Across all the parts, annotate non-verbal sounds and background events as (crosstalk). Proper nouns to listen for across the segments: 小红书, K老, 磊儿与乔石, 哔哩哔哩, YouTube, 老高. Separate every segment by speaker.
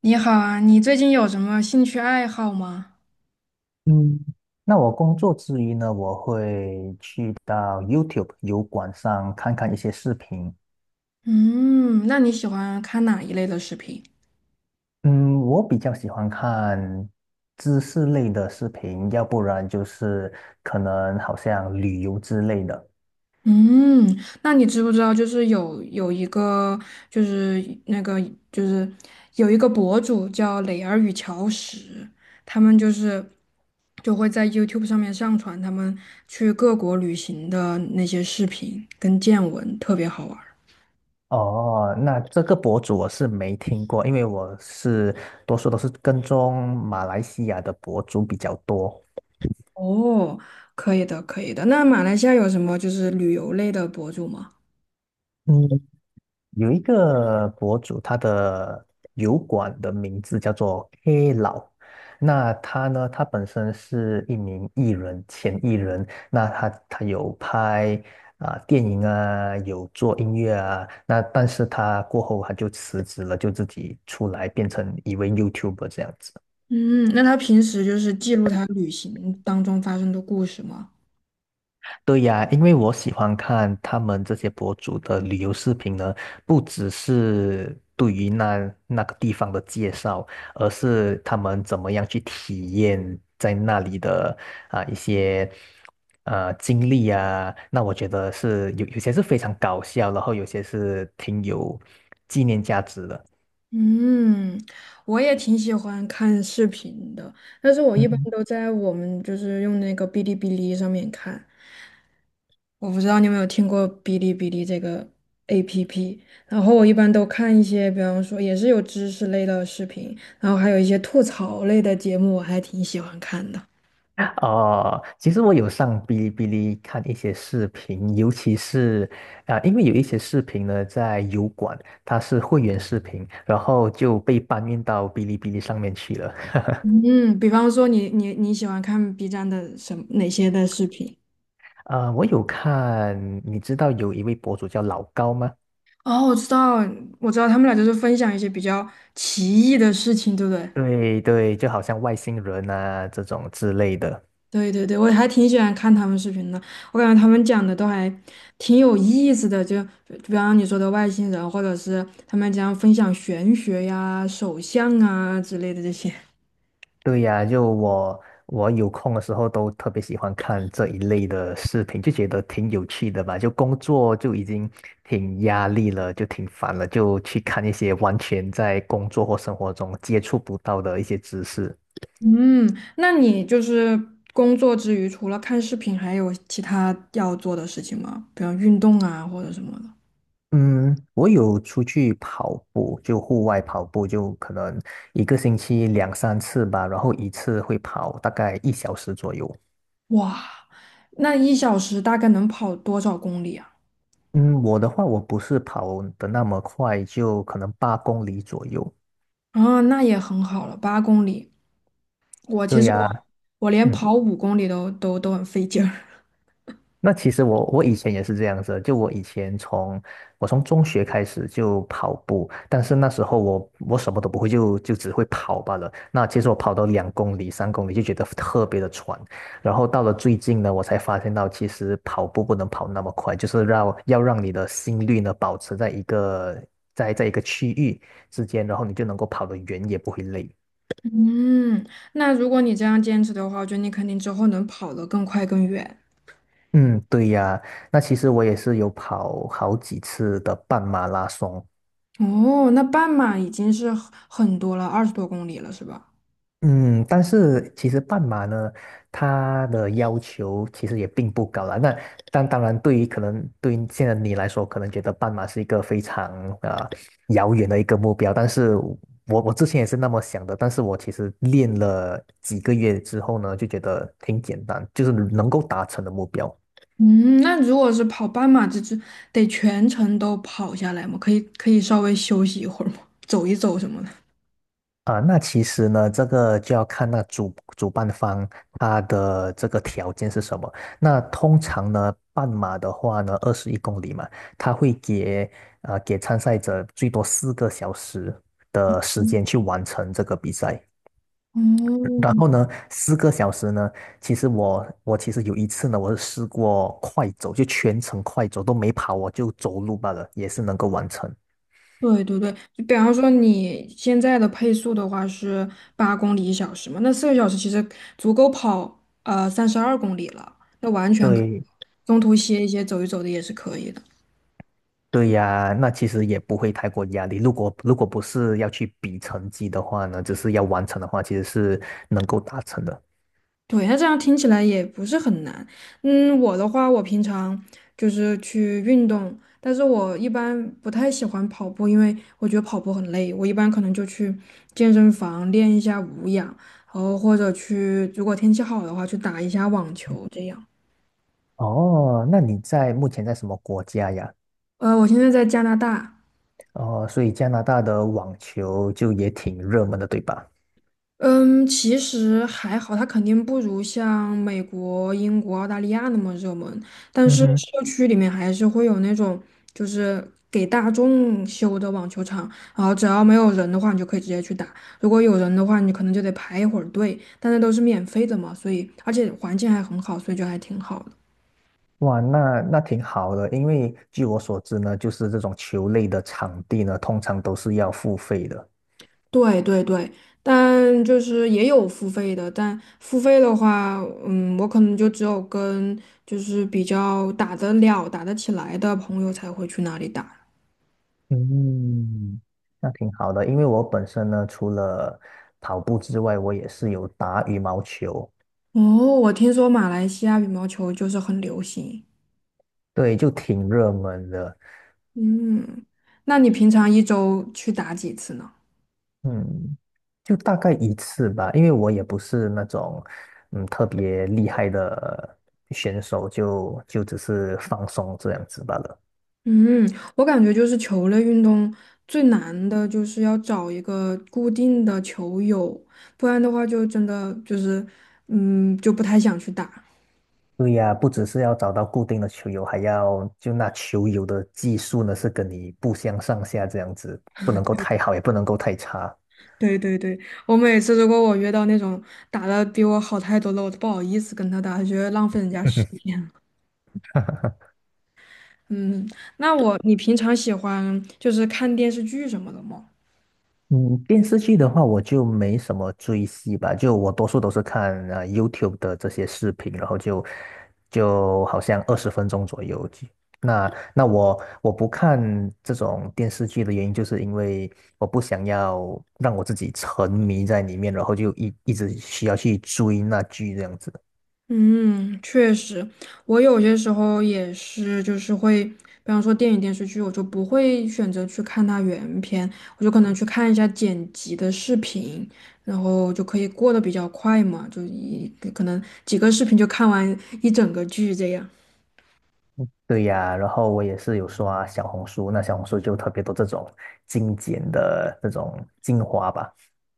Speaker 1: 你好啊，你最近有什么兴趣爱好吗？
Speaker 2: 嗯，那我工作之余呢，我会去到 YouTube 油管上看看一些视频。
Speaker 1: 嗯，那你喜欢看哪一类的视频？
Speaker 2: 嗯，我比较喜欢看知识类的视频，要不然就是可能好像旅游之类的。
Speaker 1: 嗯，那你知不知道，就是有一个，就是那个，就是有一个博主叫磊儿与乔石，他们就是就会在 YouTube 上面上传他们去各国旅行的那些视频跟见闻，特别好玩儿。
Speaker 2: 哦，那这个博主我是没听过，因为多数都是跟踪马来西亚的博主比较多。
Speaker 1: 哦，可以的，可以的。那马来西亚有什么就是旅游类的博主吗？
Speaker 2: 嗯，有一个博主，他的油管的名字叫做 K 老。那他呢？他本身是一名艺人，前艺人。那他有拍啊、电影啊，有做音乐啊。那但是他过后他就辞职了，就自己出来变成一位 YouTuber 这样子。
Speaker 1: 嗯，那他平时就是记录他旅行当中发生的故事吗？
Speaker 2: 对呀，因为我喜欢看他们这些博主的旅游视频呢，不只是对于那个地方的介绍，而是他们怎么样去体验在那里的啊、一些经历啊。那我觉得是有些是非常搞笑，然后有些是挺有纪念价值的。
Speaker 1: 嗯，我也挺喜欢看视频的，但是我一般
Speaker 2: 嗯。
Speaker 1: 都在我们就是用那个哔哩哔哩上面看。我不知道你有没有听过哔哩哔哩这个 APP，然后我一般都看一些，比方说也是有知识类的视频，然后还有一些吐槽类的节目，我还挺喜欢看的。
Speaker 2: 哦，其实我有上哔哩哔哩看一些视频，尤其是啊、因为有一些视频呢在油管，它是会员视频，然后就被搬运到哔哩哔哩上面去了。(laughs)
Speaker 1: 嗯，比方说你喜欢看 B 站的什么哪些的视频？
Speaker 2: 啊，我有看，你知道有一位博主叫老高吗？
Speaker 1: 哦，我知道，我知道，他们俩就是分享一些比较奇异的事情，对不对？
Speaker 2: 对对，就好像外星人啊这种之类的。
Speaker 1: 对对对，我还挺喜欢看他们视频的，我感觉他们讲的都还挺有意思的，就比方你说的外星人，或者是他们讲分享玄学呀、手相啊之类的这些。
Speaker 2: 对呀，就我有空的时候都特别喜欢看这一类的视频，就觉得挺有趣的吧。就工作就已经挺压力了，就挺烦了，就去看一些完全在工作或生活中接触不到的一些知识。
Speaker 1: 嗯，那你就是工作之余，除了看视频，还有其他要做的事情吗？比方运动啊，或者什么的。
Speaker 2: 嗯，我有出去跑步，就户外跑步，就可能一个星期两三次吧，然后一次会跑大概一小时左右。
Speaker 1: 哇，那一小时大概能跑多少公里啊？
Speaker 2: 嗯，我的话我不是跑的那么快，就可能8公里左右。
Speaker 1: 哦，那也很好了，八公里。我其
Speaker 2: 对
Speaker 1: 实我
Speaker 2: 呀，
Speaker 1: 我连
Speaker 2: 嗯，
Speaker 1: 跑五公里都很费劲儿。(laughs)
Speaker 2: 那其实我以前也是这样子的就我从中学开始就跑步，但是那时候我什么都不会，就只会跑罢了。那其实我跑到2公里、3公里就觉得特别的喘，然后到了最近呢，我才发现到其实跑步不能跑那么快，就是要让你的心率呢保持在一个区域之间，然后你就能够跑得远，也不会累。
Speaker 1: 嗯，那如果你这样坚持的话，我觉得你肯定之后能跑得更快更远。
Speaker 2: 嗯，对呀，那其实我也是有跑好几次的半马拉松。
Speaker 1: 哦，那半马已经是很多了，二十多公里了，是吧？
Speaker 2: 嗯，但是其实半马呢，它的要求其实也并不高啦。那但当然，对于可能对于现在你来说，可能觉得半马是一个非常呃遥远的一个目标。但是我之前也是那么想的，但是我其实练了几个月之后呢，就觉得挺简单，就是能够达成的目标。
Speaker 1: 嗯，那如果是跑半马，这得全程都跑下来吗？可以可以稍微休息一会儿吗？走一走什么的。
Speaker 2: 啊，那其实呢，这个就要看那个主办方他的这个条件是什么。那通常呢，半马的话呢，21公里嘛，他会给啊、给参赛者最多四个小时的时间去完成这个比赛。
Speaker 1: 哦，
Speaker 2: 然后呢，四个小时呢，其实我其实有一次呢，我是试过快走，就全程快走都没跑，我就走路罢了，也是能够完成。
Speaker 1: 对对对，就比方说你现在的配速的话是八公里一小时嘛，那四个小时其实足够跑三十二公里了，那完全可以
Speaker 2: 对，
Speaker 1: 中途歇一歇、走一走的也是可以的。
Speaker 2: 对呀，那其实也不会太过压力。如果不是要去比成绩的话呢，只是要完成的话，其实是能够达成的。
Speaker 1: 对，那这样听起来也不是很难。嗯，我的话，我平常就是去运动，但是我一般不太喜欢跑步，因为我觉得跑步很累。我一般可能就去健身房练一下无氧，然后或者去，如果天气好的话，去打一下网球这样。
Speaker 2: 哦，那你在目前在什么国家呀？
Speaker 1: 我现在在加拿大。
Speaker 2: 哦，所以加拿大的网球就也挺热门的，对吧？
Speaker 1: 嗯，其实还好，它肯定不如像美国、英国、澳大利亚那么热门，但
Speaker 2: 嗯
Speaker 1: 是
Speaker 2: 哼，
Speaker 1: 社区里面还是会有那种就是给大众修的网球场，然后只要没有人的话，你就可以直接去打；如果有人的话，你可能就得排一会儿队，但那都是免费的嘛，所以而且环境还很好，所以就还挺好的。
Speaker 2: 哇，那那挺好的，因为据我所知呢，就是这种球类的场地呢，通常都是要付费的。
Speaker 1: 对对对，但就是也有付费的，但付费的话，嗯，我可能就只有跟就是比较打得了、打得起来的朋友才会去那里打。
Speaker 2: 嗯，那挺好的，因为我本身呢，除了跑步之外，我也是有打羽毛球。
Speaker 1: 哦，我听说马来西亚羽毛球就是很流行。
Speaker 2: 对，就挺热门的，
Speaker 1: 嗯，那你平常一周去打几次呢？
Speaker 2: 嗯，就大概一次吧，因为我也不是那种特别厉害的选手，就只是放松这样子罢了。
Speaker 1: 嗯，我感觉就是球类运动最难的就是要找一个固定的球友，不然的话就真的就是，嗯，就不太想去打。
Speaker 2: 对呀，不只是要找到固定的球友，还要就那球友的技术呢是跟你不相上下这样子，不能够太好，也不能够太差。
Speaker 1: 对对对，我每次如果我约到那种打的比我好太多了，我都不好意思跟他打，觉得浪费人家时
Speaker 2: (laughs)
Speaker 1: 间了嗯，那我，你平常喜欢就是看电视剧什么的吗？
Speaker 2: 嗯，电视剧的话，我就没什么追戏吧，就我多数都是看YouTube 的这些视频，然后就好像20分钟左右就。那我不看这种电视剧的原因，就是因为我不想要让我自己沉迷在里面，然后就一直需要去追那剧这样子。
Speaker 1: 嗯，确实，我有些时候也是，就是会，比方说电影电视剧，我就不会选择去看它原片，我就可能去看一下剪辑的视频，然后就可以过得比较快嘛，可能几个视频就看完一整个剧这样。
Speaker 2: 对呀，然后我也是有刷小红书，那小红书就特别多这种精简的这种精华吧。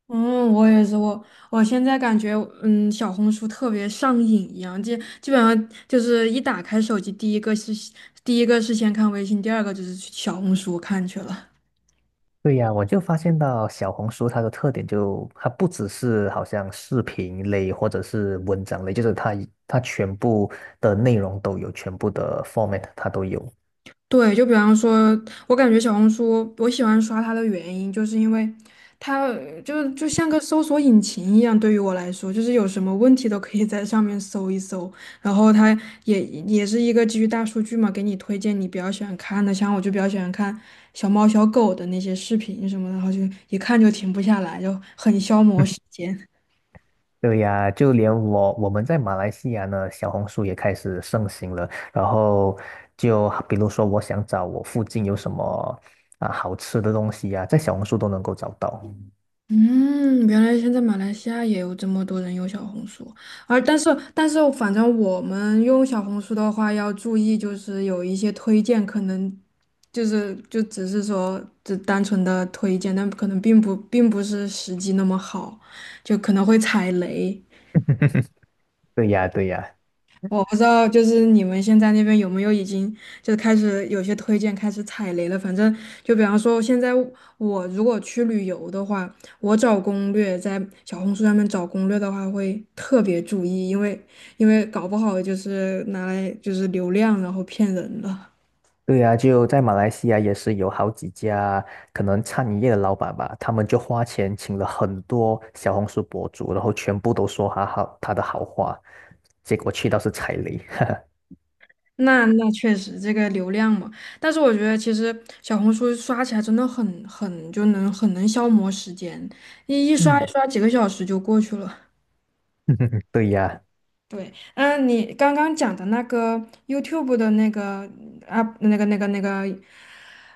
Speaker 1: 嗯，我也是，我我现在感觉，嗯，小红书特别上瘾一样，基本上就是一打开手机，第一个是先看微信，第二个就是去小红书看去了。
Speaker 2: 对呀，我就发现到小红书它的特点就，它不只是好像视频类或者是文章类，就是它全部的内容都有，全部的 format 它都有。
Speaker 1: 对，就比方说，我感觉小红书我喜欢刷它的原因，就是因为它就像个搜索引擎一样，对于我来说，就是有什么问题都可以在上面搜一搜，然后它也是一个基于大数据嘛，给你推荐你比较喜欢看的，像我就比较喜欢看小猫小狗的那些视频什么的，然后就一看就停不下来，就很消磨时
Speaker 2: (laughs)
Speaker 1: 间。
Speaker 2: 对呀，就连我们在马来西亚呢，小红书也开始盛行了。然后就比如说，我想找我附近有什么啊好吃的东西呀，在小红书都能够找到。
Speaker 1: 嗯，原来现在马来西亚也有这么多人用小红书，而但是但是，反正我们用小红书的话要注意，就是有一些推荐可能就是就只是说只单纯的推荐，但可能并不是实际那么好，就可能会踩雷。
Speaker 2: (laughs) 对呀，对呀。
Speaker 1: 我不知道，就是你们现在那边有没有已经就开始有些推荐开始踩雷了？反正就比方说，现在我如果去旅游的话，我找攻略在小红书上面找攻略的话，会特别注意，因为搞不好就是拿来就是流量，然后骗人的。
Speaker 2: 对呀，就在马来西亚也是有好几家可能餐饮业的老板吧，他们就花钱请了很多小红书博主，然后全部都说他好他的好话，结果去到是踩雷。(laughs)
Speaker 1: 那那确实这个流量嘛，但是我觉得其实小红书刷起来真的很就能很能消磨时间，一一刷一
Speaker 2: 嗯，
Speaker 1: 刷几个小时就过去了。
Speaker 2: (laughs) 对呀，
Speaker 1: 对，嗯，你刚刚讲的那个 YouTube 的那个啊，那个，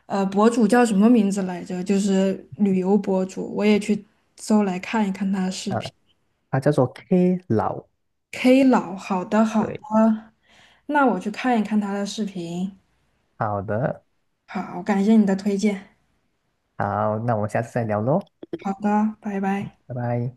Speaker 1: 博主叫什么名字来着？就是旅游博主，我也去搜来看一看他的视
Speaker 2: 啊，
Speaker 1: 频。
Speaker 2: 他叫做 K 老，
Speaker 1: K 老，好的好的，
Speaker 2: 对，
Speaker 1: 那我去看一看他的视频。
Speaker 2: 好的，
Speaker 1: 好，感谢你的推荐。
Speaker 2: 好，那我们下次再聊喽，
Speaker 1: 好的，拜拜。
Speaker 2: 拜拜。